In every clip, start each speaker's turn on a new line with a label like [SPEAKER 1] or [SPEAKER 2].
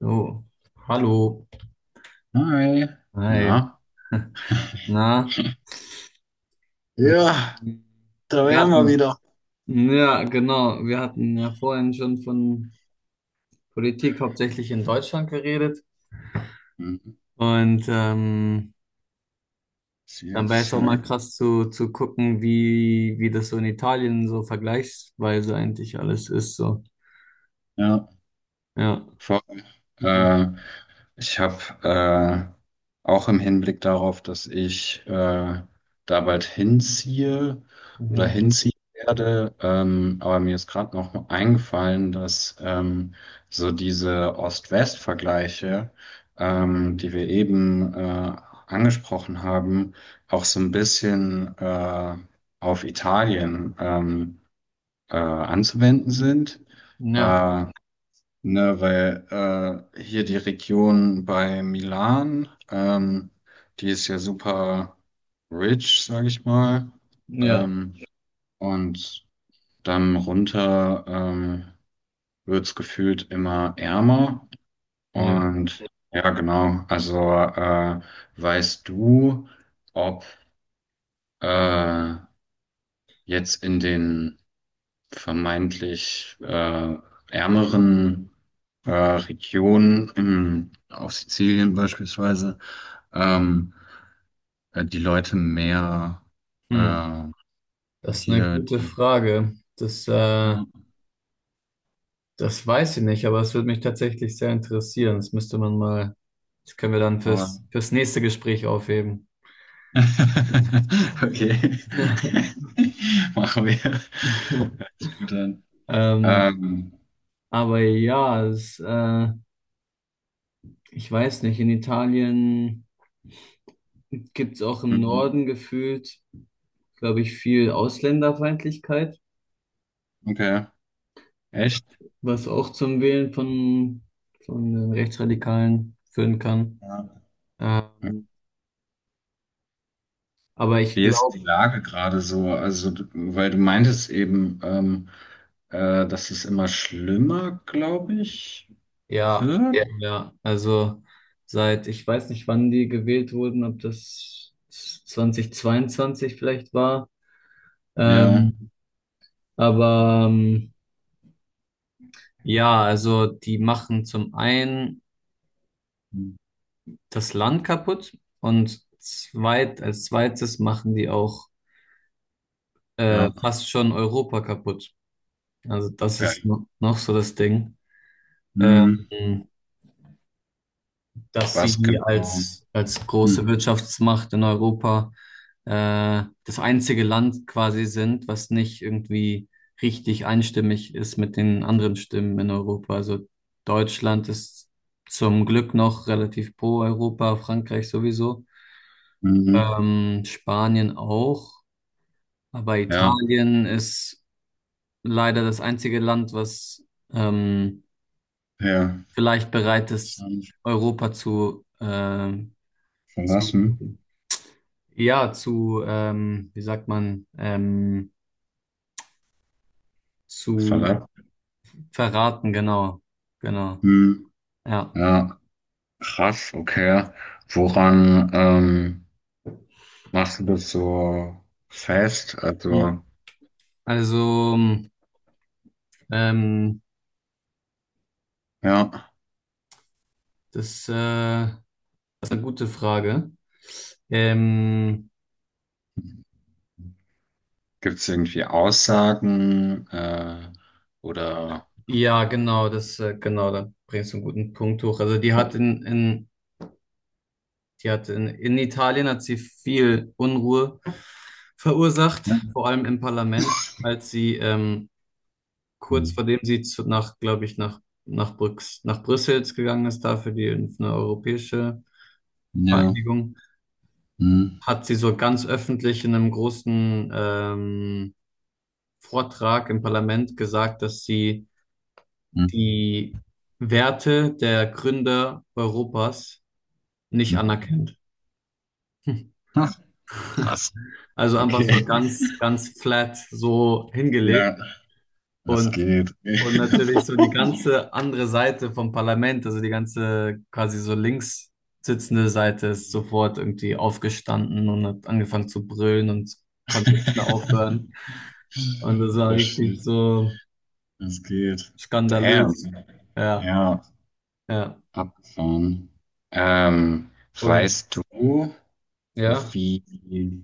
[SPEAKER 1] So, hallo.
[SPEAKER 2] Hi,
[SPEAKER 1] Hi.
[SPEAKER 2] na?
[SPEAKER 1] Na, wir,
[SPEAKER 2] Ja, da
[SPEAKER 1] wir
[SPEAKER 2] wären wir
[SPEAKER 1] hatten,
[SPEAKER 2] wieder.
[SPEAKER 1] ja, genau, wir hatten ja vorhin schon von Politik hauptsächlich in Deutschland geredet.
[SPEAKER 2] Mhm.
[SPEAKER 1] Und ähm, Dann wäre es auch
[SPEAKER 2] CSI.
[SPEAKER 1] mal krass zu gucken, wie das so in Italien so vergleichsweise eigentlich alles ist. So,
[SPEAKER 2] Ja.
[SPEAKER 1] ja.
[SPEAKER 2] Voll.
[SPEAKER 1] Hm.
[SPEAKER 2] Äh, Ich habe äh, auch im Hinblick darauf, dass ich da bald hinziehe oder
[SPEAKER 1] Mhm.
[SPEAKER 2] hinziehen werde, aber mir ist gerade noch eingefallen, dass so diese Ost-West-Vergleiche, die wir eben angesprochen haben, auch so ein bisschen auf Italien anzuwenden sind.
[SPEAKER 1] Ja,
[SPEAKER 2] Äh, Ne, weil hier die Region bei Milan, die ist ja super rich, sage ich mal.
[SPEAKER 1] ja,
[SPEAKER 2] Ähm, und dann runter wird's gefühlt immer ärmer.
[SPEAKER 1] ja.
[SPEAKER 2] Und ja, genau. Also weißt du, ob äh, jetzt in den vermeintlich ärmeren Regionen, in, auf Sizilien beispielsweise, ähm, die Leute mehr
[SPEAKER 1] Hm.
[SPEAKER 2] äh,
[SPEAKER 1] Das ist eine
[SPEAKER 2] hier
[SPEAKER 1] gute
[SPEAKER 2] die.
[SPEAKER 1] Frage.
[SPEAKER 2] Ja,
[SPEAKER 1] Das weiß ich nicht, aber es würde mich tatsächlich sehr interessieren. Das müsste man mal, das können wir dann
[SPEAKER 2] aber-
[SPEAKER 1] fürs nächste Gespräch aufheben.
[SPEAKER 2] Okay, machen wir. Hört sich gut an.
[SPEAKER 1] Ähm,
[SPEAKER 2] Ähm,
[SPEAKER 1] aber ja, ich weiß nicht, in Italien gibt es auch im
[SPEAKER 2] mhm.
[SPEAKER 1] Norden gefühlt, glaube ich, viel Ausländerfeindlichkeit,
[SPEAKER 2] Okay, echt?
[SPEAKER 1] was auch zum Wählen von den Rechtsradikalen führen kann.
[SPEAKER 2] Ja.
[SPEAKER 1] Ähm, aber ich
[SPEAKER 2] Wie ist die
[SPEAKER 1] glaube,
[SPEAKER 2] Lage gerade so? Also, weil du meintest eben, dass es immer schlimmer, glaube ich,
[SPEAKER 1] ja,
[SPEAKER 2] wird. Ja.
[SPEAKER 1] ja, also seit, ich weiß nicht, wann die gewählt wurden, ob das 2022 vielleicht war.
[SPEAKER 2] Ja,
[SPEAKER 1] Ähm, aber ähm, ja, also die machen zum einen
[SPEAKER 2] hm.
[SPEAKER 1] das Land kaputt und zweites machen die auch
[SPEAKER 2] Ja,
[SPEAKER 1] fast schon Europa kaputt. Also das ist
[SPEAKER 2] okay.
[SPEAKER 1] no, noch so das Ding.
[SPEAKER 2] Hm.
[SPEAKER 1] Ähm, dass
[SPEAKER 2] Was
[SPEAKER 1] sie
[SPEAKER 2] genau?
[SPEAKER 1] als
[SPEAKER 2] Hm.
[SPEAKER 1] große Wirtschaftsmacht in Europa das einzige Land quasi sind, was nicht irgendwie richtig einstimmig ist mit den anderen Stimmen in Europa. Also Deutschland ist zum Glück noch relativ pro Europa, Frankreich sowieso,
[SPEAKER 2] Mhm.
[SPEAKER 1] Spanien auch, aber
[SPEAKER 2] Ja,
[SPEAKER 1] Italien ist leider das einzige Land, was ähm,
[SPEAKER 2] ja.
[SPEAKER 1] vielleicht bereit ist,
[SPEAKER 2] Verlassen.
[SPEAKER 1] Europa zu Ja, zu, wie sagt man, zu
[SPEAKER 2] Verlassen.
[SPEAKER 1] verraten, genau, genau,
[SPEAKER 2] Hm.
[SPEAKER 1] ja.
[SPEAKER 2] Ja, krass, okay. Woran machst du das so fest?
[SPEAKER 1] Hm.
[SPEAKER 2] Also,
[SPEAKER 1] Also, ähm,
[SPEAKER 2] ja.
[SPEAKER 1] das ist eine gute Frage. Ähm,
[SPEAKER 2] Gibt es irgendwie Aussagen oder
[SPEAKER 1] ja, genau, genau, da bringst du einen guten Punkt hoch. Also, die hat in Italien hat sie viel Unruhe verursacht,
[SPEAKER 2] hm.
[SPEAKER 1] vor allem im Parlament, als sie,
[SPEAKER 2] Hm.
[SPEAKER 1] kurz vor dem sie nach, glaube ich, Brüx, nach Brüssel gegangen ist, da für die eine europäische
[SPEAKER 2] Ja.
[SPEAKER 1] Vereinigung,
[SPEAKER 2] Hm.
[SPEAKER 1] hat sie so ganz öffentlich in einem großen Vortrag im Parlament gesagt, dass sie
[SPEAKER 2] Hm.
[SPEAKER 1] die Werte der Gründer Europas nicht
[SPEAKER 2] Hm.
[SPEAKER 1] anerkennt.
[SPEAKER 2] Ach, krass.
[SPEAKER 1] Also einfach so
[SPEAKER 2] Okay.
[SPEAKER 1] ganz, ganz flat so hingelegt.
[SPEAKER 2] Ja, das
[SPEAKER 1] Und,
[SPEAKER 2] geht.
[SPEAKER 1] und natürlich so die ganze andere Seite vom Parlament, also die ganze quasi so links sitzende Seite ist sofort irgendwie aufgestanden und hat angefangen zu brüllen und konnte nicht mehr aufhören. Und das war
[SPEAKER 2] Oh
[SPEAKER 1] richtig
[SPEAKER 2] shit,
[SPEAKER 1] so
[SPEAKER 2] das geht.
[SPEAKER 1] skandalös.
[SPEAKER 2] Damn.
[SPEAKER 1] Ja,
[SPEAKER 2] Ja,
[SPEAKER 1] ja.
[SPEAKER 2] abgefahren. Ähm,
[SPEAKER 1] Und
[SPEAKER 2] Weißt du,
[SPEAKER 1] ja.
[SPEAKER 2] wie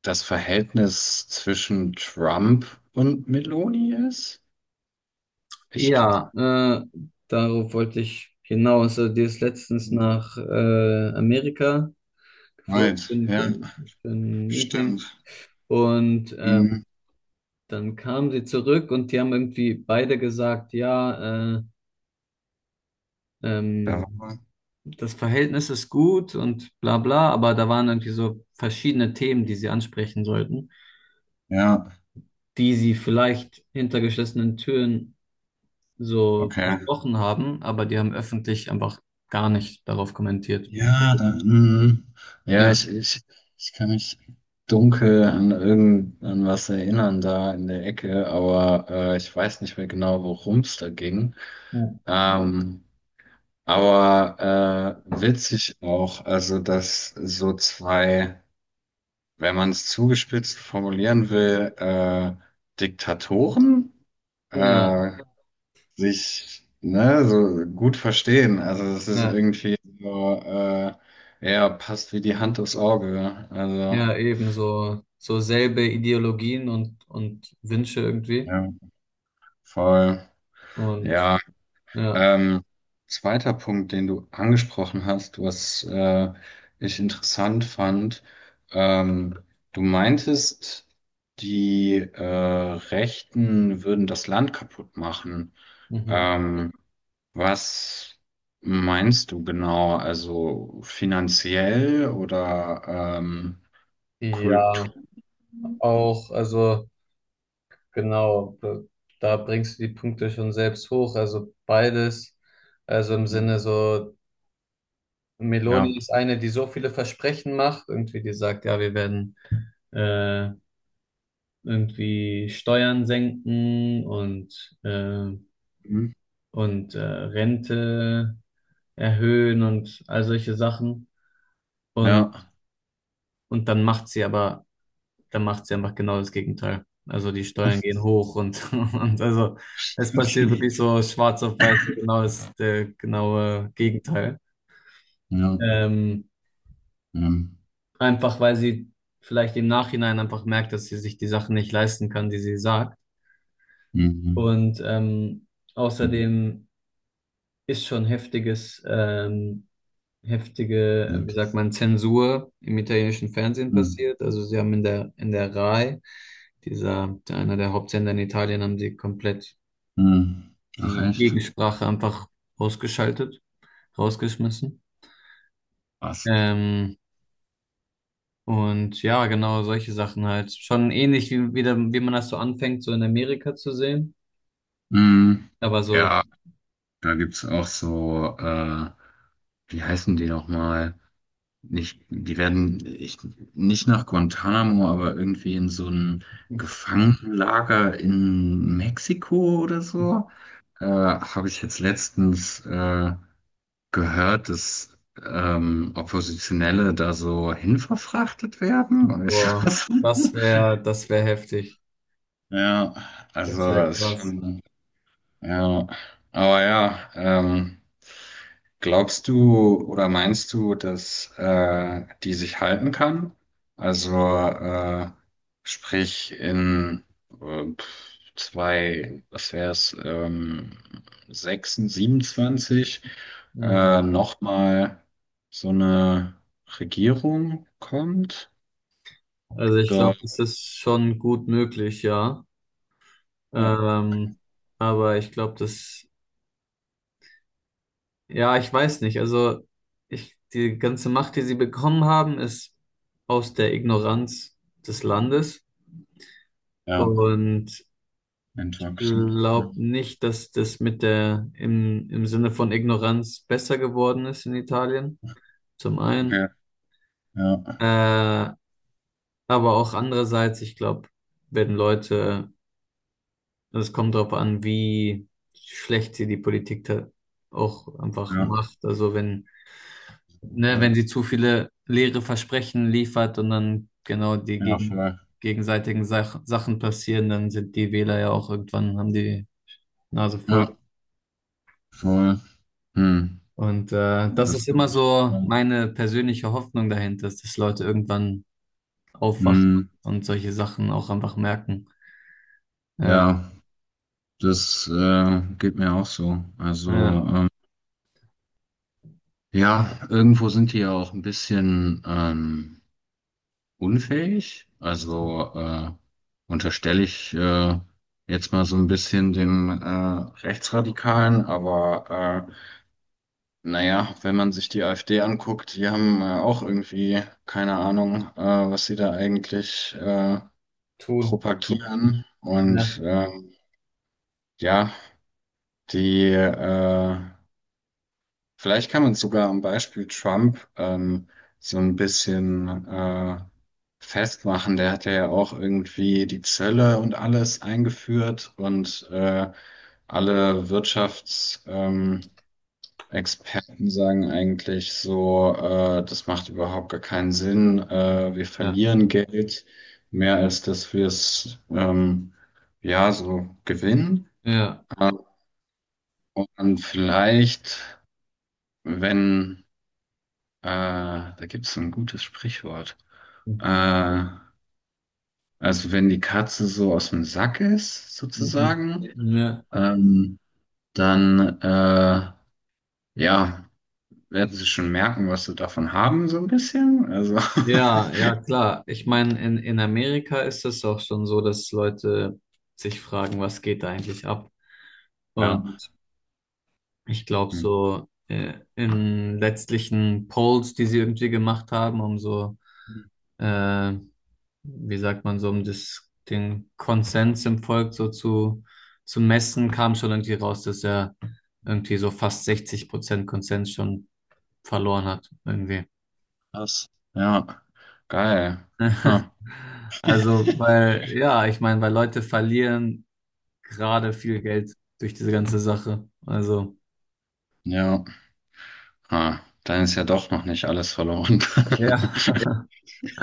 [SPEAKER 2] das Verhältnis zwischen Trump und Meloni ist? Ich
[SPEAKER 1] Ja, äh, Darauf wollte ich hinaus. Also, die ist letztens nach Amerika
[SPEAKER 2] Right,
[SPEAKER 1] geflogen
[SPEAKER 2] ja,
[SPEAKER 1] für ein Meeting.
[SPEAKER 2] stimmt.
[SPEAKER 1] Und ähm,
[SPEAKER 2] Mhm.
[SPEAKER 1] Dann kamen sie zurück und die haben irgendwie beide gesagt, ja,
[SPEAKER 2] Da,
[SPEAKER 1] ähm, das Verhältnis ist gut und bla bla, aber da waren irgendwie so verschiedene Themen, die sie ansprechen sollten,
[SPEAKER 2] ja,
[SPEAKER 1] die sie vielleicht hinter geschlossenen Türen so
[SPEAKER 2] okay.
[SPEAKER 1] besprochen haben, aber die haben öffentlich einfach gar nicht darauf kommentiert.
[SPEAKER 2] Ja, da, mhm. Ja,
[SPEAKER 1] Ja,
[SPEAKER 2] ich kann mich dunkel an irgend an was erinnern da in der Ecke, aber ich weiß nicht mehr genau, worum es da ging. Ähm, aber witzig auch, also dass so zwei, wenn man es zugespitzt formulieren will, Diktatoren
[SPEAKER 1] ja,
[SPEAKER 2] äh, sich ne, so gut verstehen. Also das ist
[SPEAKER 1] ja,
[SPEAKER 2] irgendwie so, ja, passt wie die Hand aufs Auge. Also
[SPEAKER 1] ja, eben so, so selbe Ideologien und Wünsche irgendwie
[SPEAKER 2] ja, voll.
[SPEAKER 1] und
[SPEAKER 2] Ja,
[SPEAKER 1] ja,
[SPEAKER 2] ähm, zweiter Punkt, den du angesprochen hast, was ich interessant fand, ähm, du meintest, die Rechten würden das Land kaputt machen.
[SPEAKER 1] mhm.
[SPEAKER 2] Ähm, Was meinst du genau? Also finanziell oder Kultur?
[SPEAKER 1] Ja. Auch, also genau, da bringst du die Punkte schon selbst hoch. Also beides, also im Sinne so,
[SPEAKER 2] Ja.
[SPEAKER 1] Meloni ist eine, die so viele Versprechen macht, irgendwie die sagt, ja, wir werden äh, irgendwie Steuern senken
[SPEAKER 2] Hm?
[SPEAKER 1] und Rente erhöhen und all solche Sachen. Und,
[SPEAKER 2] Ja.
[SPEAKER 1] und dann macht sie aber dann macht sie einfach genau das Gegenteil. Also die Steuern gehen hoch und, und also es passiert
[SPEAKER 2] Okay.
[SPEAKER 1] wirklich so schwarz auf weiß, so genau das der genaue Gegenteil.
[SPEAKER 2] Ja.
[SPEAKER 1] Ähm,
[SPEAKER 2] Hm.
[SPEAKER 1] einfach weil sie vielleicht im Nachhinein einfach merkt, dass sie sich die Sachen nicht leisten kann, die sie sagt.
[SPEAKER 2] Mhm.
[SPEAKER 1] Und
[SPEAKER 2] Hm.
[SPEAKER 1] außerdem ist schon heftige, wie sagt
[SPEAKER 2] Shit.
[SPEAKER 1] man, Zensur im italienischen Fernsehen
[SPEAKER 2] Hm.
[SPEAKER 1] passiert. Also sie haben in der RAI, dieser, einer der Hauptsender in Italien, haben sie komplett
[SPEAKER 2] Hm. Ach
[SPEAKER 1] die
[SPEAKER 2] echt?
[SPEAKER 1] Gegensprache einfach ausgeschaltet, rausgeschmissen.
[SPEAKER 2] Was?
[SPEAKER 1] Ähm, und ja, genau solche Sachen halt. Schon ähnlich wie man das so anfängt, so in Amerika zu sehen.
[SPEAKER 2] Hm.
[SPEAKER 1] Aber so,
[SPEAKER 2] Ja, da gibt's auch so, wie heißen die nochmal? Nicht, die werden ich, nicht nach Guantanamo, aber irgendwie in so ein Gefangenenlager in Mexiko oder so. Habe ich jetzt letztens gehört, dass Oppositionelle da so hinverfrachtet werden. Und ich,
[SPEAKER 1] boah, das wäre heftig.
[SPEAKER 2] ja, also
[SPEAKER 1] Das wäre
[SPEAKER 2] es ist
[SPEAKER 1] krass.
[SPEAKER 2] schon. Ja, aber ja, glaubst du oder meinst du, dass die sich halten kann? Also äh, sprich in zwei, was wäre es, 6, 27
[SPEAKER 1] Mhm.
[SPEAKER 2] nochmal so eine Regierung kommt?
[SPEAKER 1] Also ich
[SPEAKER 2] Oder
[SPEAKER 1] glaube, das ist schon gut möglich, ja.
[SPEAKER 2] oh,
[SPEAKER 1] Ähm, aber ich glaube, das, ja, ich weiß nicht. Also ich, die ganze Macht, die sie bekommen haben, ist aus der Ignoranz des Landes.
[SPEAKER 2] ja,
[SPEAKER 1] Und ich
[SPEAKER 2] entwachsen. Ja.
[SPEAKER 1] glaube nicht, dass das mit der im Sinne von Ignoranz besser geworden ist in Italien, zum einen.
[SPEAKER 2] Okay, ja,
[SPEAKER 1] Äh, aber auch andererseits, ich glaube, wenn Leute, es kommt darauf an, wie schlecht sie die Politik da auch einfach
[SPEAKER 2] ja,
[SPEAKER 1] macht. Also wenn, ne,
[SPEAKER 2] ja,
[SPEAKER 1] wenn sie zu viele leere Versprechen liefert und dann
[SPEAKER 2] ja, voll.
[SPEAKER 1] gegenseitigen Sachen passieren, dann sind die Wähler ja auch irgendwann, haben die Nase
[SPEAKER 2] Ja.
[SPEAKER 1] voll.
[SPEAKER 2] Voll. Hm.
[SPEAKER 1] Und
[SPEAKER 2] Ja,
[SPEAKER 1] das
[SPEAKER 2] das
[SPEAKER 1] ist
[SPEAKER 2] kann
[SPEAKER 1] immer
[SPEAKER 2] ich.
[SPEAKER 1] so
[SPEAKER 2] Ja.
[SPEAKER 1] meine persönliche Hoffnung dahinter, ist, dass Leute irgendwann aufwachen
[SPEAKER 2] Hm.
[SPEAKER 1] und solche Sachen auch einfach merken. Ja,
[SPEAKER 2] Ja, das geht mir auch so. Also,
[SPEAKER 1] ja,
[SPEAKER 2] ja, irgendwo sind die ja auch ein bisschen unfähig. Also unterstelle ich jetzt mal so ein bisschen dem Rechtsradikalen, aber naja, wenn man sich die AfD anguckt, die haben auch irgendwie keine Ahnung, was sie da eigentlich
[SPEAKER 1] Tun.
[SPEAKER 2] propagieren. Und
[SPEAKER 1] Ja,
[SPEAKER 2] ja, die, vielleicht kann man sogar am Beispiel Trump so ein bisschen festmachen. Der hat ja auch irgendwie die Zölle und alles eingeführt und alle Wirtschaftsexperten Experten sagen eigentlich so, das macht überhaupt gar keinen Sinn. Wir
[SPEAKER 1] ja,
[SPEAKER 2] verlieren Geld mehr als dass wir es ja so gewinnen.
[SPEAKER 1] ja,
[SPEAKER 2] Äh, und vielleicht. Wenn, da gibt es ein gutes Sprichwort. Äh, also wenn die Katze so aus dem Sack ist,
[SPEAKER 1] mhm.
[SPEAKER 2] sozusagen,
[SPEAKER 1] Mhm. Ja,
[SPEAKER 2] ähm, dann, ja, werden sie schon merken, was sie davon haben, so ein bisschen. Also,
[SPEAKER 1] ja, ja, klar. Ich meine, in Amerika ist es auch schon so, dass Leute sich fragen, was geht da eigentlich ab?
[SPEAKER 2] ja.
[SPEAKER 1] Und ich glaube,
[SPEAKER 2] Hm.
[SPEAKER 1] so in letztlichen Polls, die sie irgendwie gemacht haben, um so äh, wie sagt man so, um das, den Konsens im Volk so zu messen, kam schon irgendwie raus, dass er irgendwie so fast 60% Konsens schon verloren hat, irgendwie.
[SPEAKER 2] Krass. Ja, geil. Ha.
[SPEAKER 1] Also, weil, ja, ich meine, weil Leute verlieren gerade viel Geld durch diese ganze Sache. Also,
[SPEAKER 2] Ja, ha. Dann ist ja doch noch nicht alles verloren.
[SPEAKER 1] ja,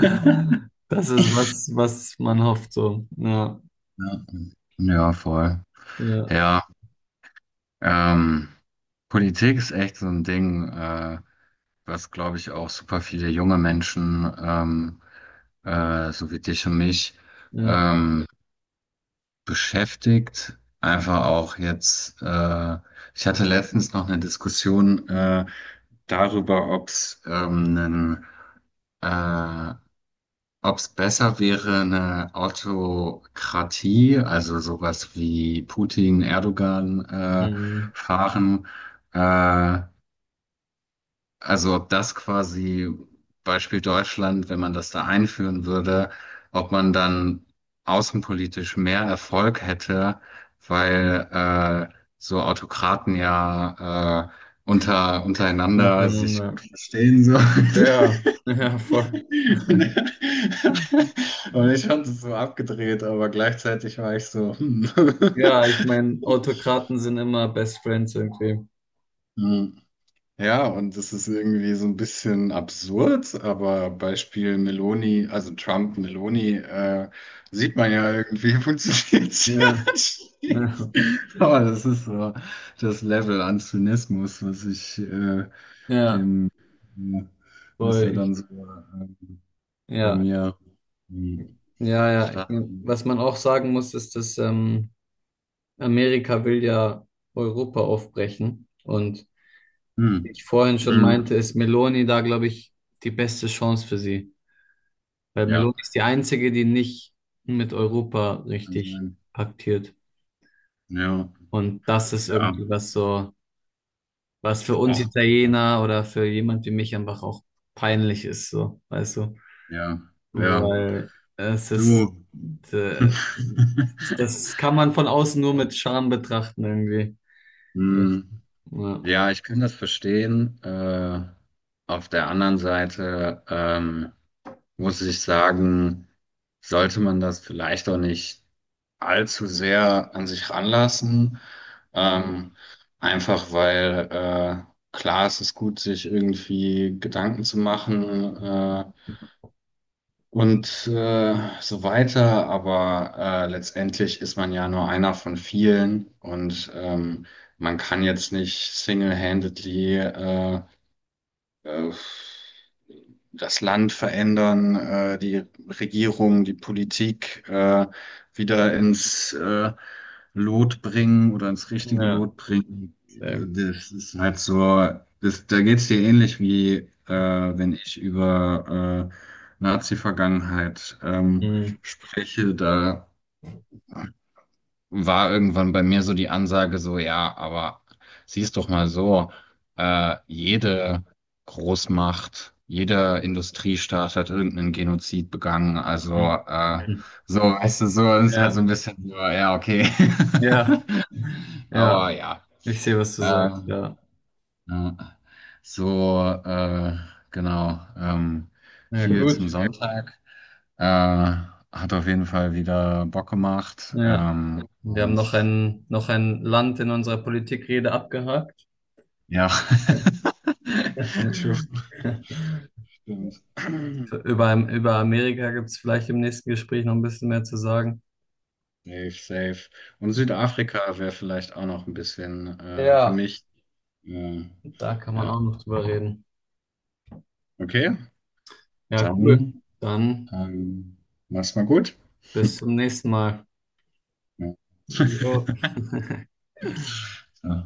[SPEAKER 2] Ja,
[SPEAKER 1] das ist was, was man hofft, so. Ja,
[SPEAKER 2] ja, voll.
[SPEAKER 1] ja,
[SPEAKER 2] Ja. Ähm, Politik ist echt so ein Ding, was, glaube ich, auch super viele junge Menschen, so wie dich und mich,
[SPEAKER 1] ja.
[SPEAKER 2] ähm, beschäftigt. Einfach auch jetzt, ich hatte letztens noch eine Diskussion, darüber, ob es einen äh, ob es besser wäre, eine Autokratie, also sowas wie Putin, Erdogan
[SPEAKER 1] Mhm.
[SPEAKER 2] fahren, äh, also ob das quasi Beispiel Deutschland, wenn man das da einführen würde, ob man dann außenpolitisch mehr Erfolg hätte, weil so Autokraten ja untereinander sich
[SPEAKER 1] Untereinander.
[SPEAKER 2] gut verstehen so.
[SPEAKER 1] Ja, ja, voll.
[SPEAKER 2] Und ich fand es so abgedreht, aber gleichzeitig war ich so, hm.
[SPEAKER 1] Ja, ich meine, Autokraten sind immer Best Friends irgendwie.
[SPEAKER 2] Hm. Ja, und das ist irgendwie so ein bisschen absurd, aber Beispiel Meloni, also Trump, Meloni, sieht man ja irgendwie, funktioniert es ja
[SPEAKER 1] Ja, ja,
[SPEAKER 2] anschließend. Aber das ist so das Level an Zynismus, was ich
[SPEAKER 1] ja,
[SPEAKER 2] dem, äh, was ja
[SPEAKER 1] voll.
[SPEAKER 2] dann
[SPEAKER 1] Ich,
[SPEAKER 2] so bei
[SPEAKER 1] ja,
[SPEAKER 2] mir hm,
[SPEAKER 1] ja, ja. Ich
[SPEAKER 2] stark.
[SPEAKER 1] mein, was man auch sagen muss, ist, dass Amerika will ja Europa aufbrechen. Und wie
[SPEAKER 2] Hm.
[SPEAKER 1] ich vorhin schon
[SPEAKER 2] Mhm.
[SPEAKER 1] meinte, ist Meloni da, glaube ich, die beste Chance für sie. Weil
[SPEAKER 2] Ja,
[SPEAKER 1] Meloni ist die einzige, die nicht mit Europa
[SPEAKER 2] kann
[SPEAKER 1] richtig
[SPEAKER 2] sein.
[SPEAKER 1] paktiert.
[SPEAKER 2] Ja,
[SPEAKER 1] Und das ist
[SPEAKER 2] ja,
[SPEAKER 1] irgendwie was so. Was für uns
[SPEAKER 2] auch,
[SPEAKER 1] Italiener oder für jemand wie mich einfach auch peinlich ist, so, weißt du?
[SPEAKER 2] ja, ja,
[SPEAKER 1] Weil es ist,
[SPEAKER 2] du.
[SPEAKER 1] äh, das kann man von außen nur mit Scham betrachten irgendwie. Echt.
[SPEAKER 2] Hm.
[SPEAKER 1] Ja,
[SPEAKER 2] Ja, ich kann das verstehen. Auf der anderen Seite muss ich sagen, sollte man das vielleicht auch nicht allzu sehr an sich ranlassen. Ähm, Einfach weil klar, es ist gut, sich irgendwie Gedanken zu machen. Und so weiter. Aber letztendlich ist man ja nur einer von vielen und man kann jetzt nicht single-handedly äh, das Land verändern, die Regierung, die Politik wieder ins Lot bringen oder ins richtige
[SPEAKER 1] ja,
[SPEAKER 2] Lot bringen.
[SPEAKER 1] sehr.
[SPEAKER 2] Das ist halt so, das, da geht's dir ähnlich wie wenn ich über Nazi-Vergangenheit
[SPEAKER 1] Hm,
[SPEAKER 2] spreche. Da war irgendwann bei mir so die Ansage so, ja, aber siehst doch mal so, jede Großmacht, jeder Industriestaat hat irgendeinen Genozid begangen. Also
[SPEAKER 1] hm,
[SPEAKER 2] äh,
[SPEAKER 1] hm.
[SPEAKER 2] so, weißt du, so ist halt so
[SPEAKER 1] Ja,
[SPEAKER 2] ein bisschen so, ja, okay.
[SPEAKER 1] ja, ja,
[SPEAKER 2] Aber ja,
[SPEAKER 1] ich sehe, was du sagst,
[SPEAKER 2] ähm,
[SPEAKER 1] ja.
[SPEAKER 2] ja, so, genau,
[SPEAKER 1] Ja,
[SPEAKER 2] viel zum
[SPEAKER 1] gut.
[SPEAKER 2] Sonntag. Äh, Hat auf jeden Fall wieder Bock gemacht.
[SPEAKER 1] Ja, wir haben
[SPEAKER 2] Und
[SPEAKER 1] noch noch ein Land in unserer Politikrede abgehakt.
[SPEAKER 2] ja. True. Stimmt.
[SPEAKER 1] Über Amerika gibt es vielleicht im nächsten Gespräch noch ein bisschen mehr zu sagen.
[SPEAKER 2] Safe, safe. Und Südafrika wäre vielleicht auch noch ein bisschen für
[SPEAKER 1] Ja,
[SPEAKER 2] mich. Äh,
[SPEAKER 1] da kann man
[SPEAKER 2] ja.
[SPEAKER 1] auch noch drüber reden.
[SPEAKER 2] Okay,
[SPEAKER 1] Ja, cool.
[SPEAKER 2] dann
[SPEAKER 1] Dann
[SPEAKER 2] ähm, mach's mal gut.
[SPEAKER 1] bis zum nächsten Mal.
[SPEAKER 2] Ja.
[SPEAKER 1] Jo.
[SPEAKER 2] So.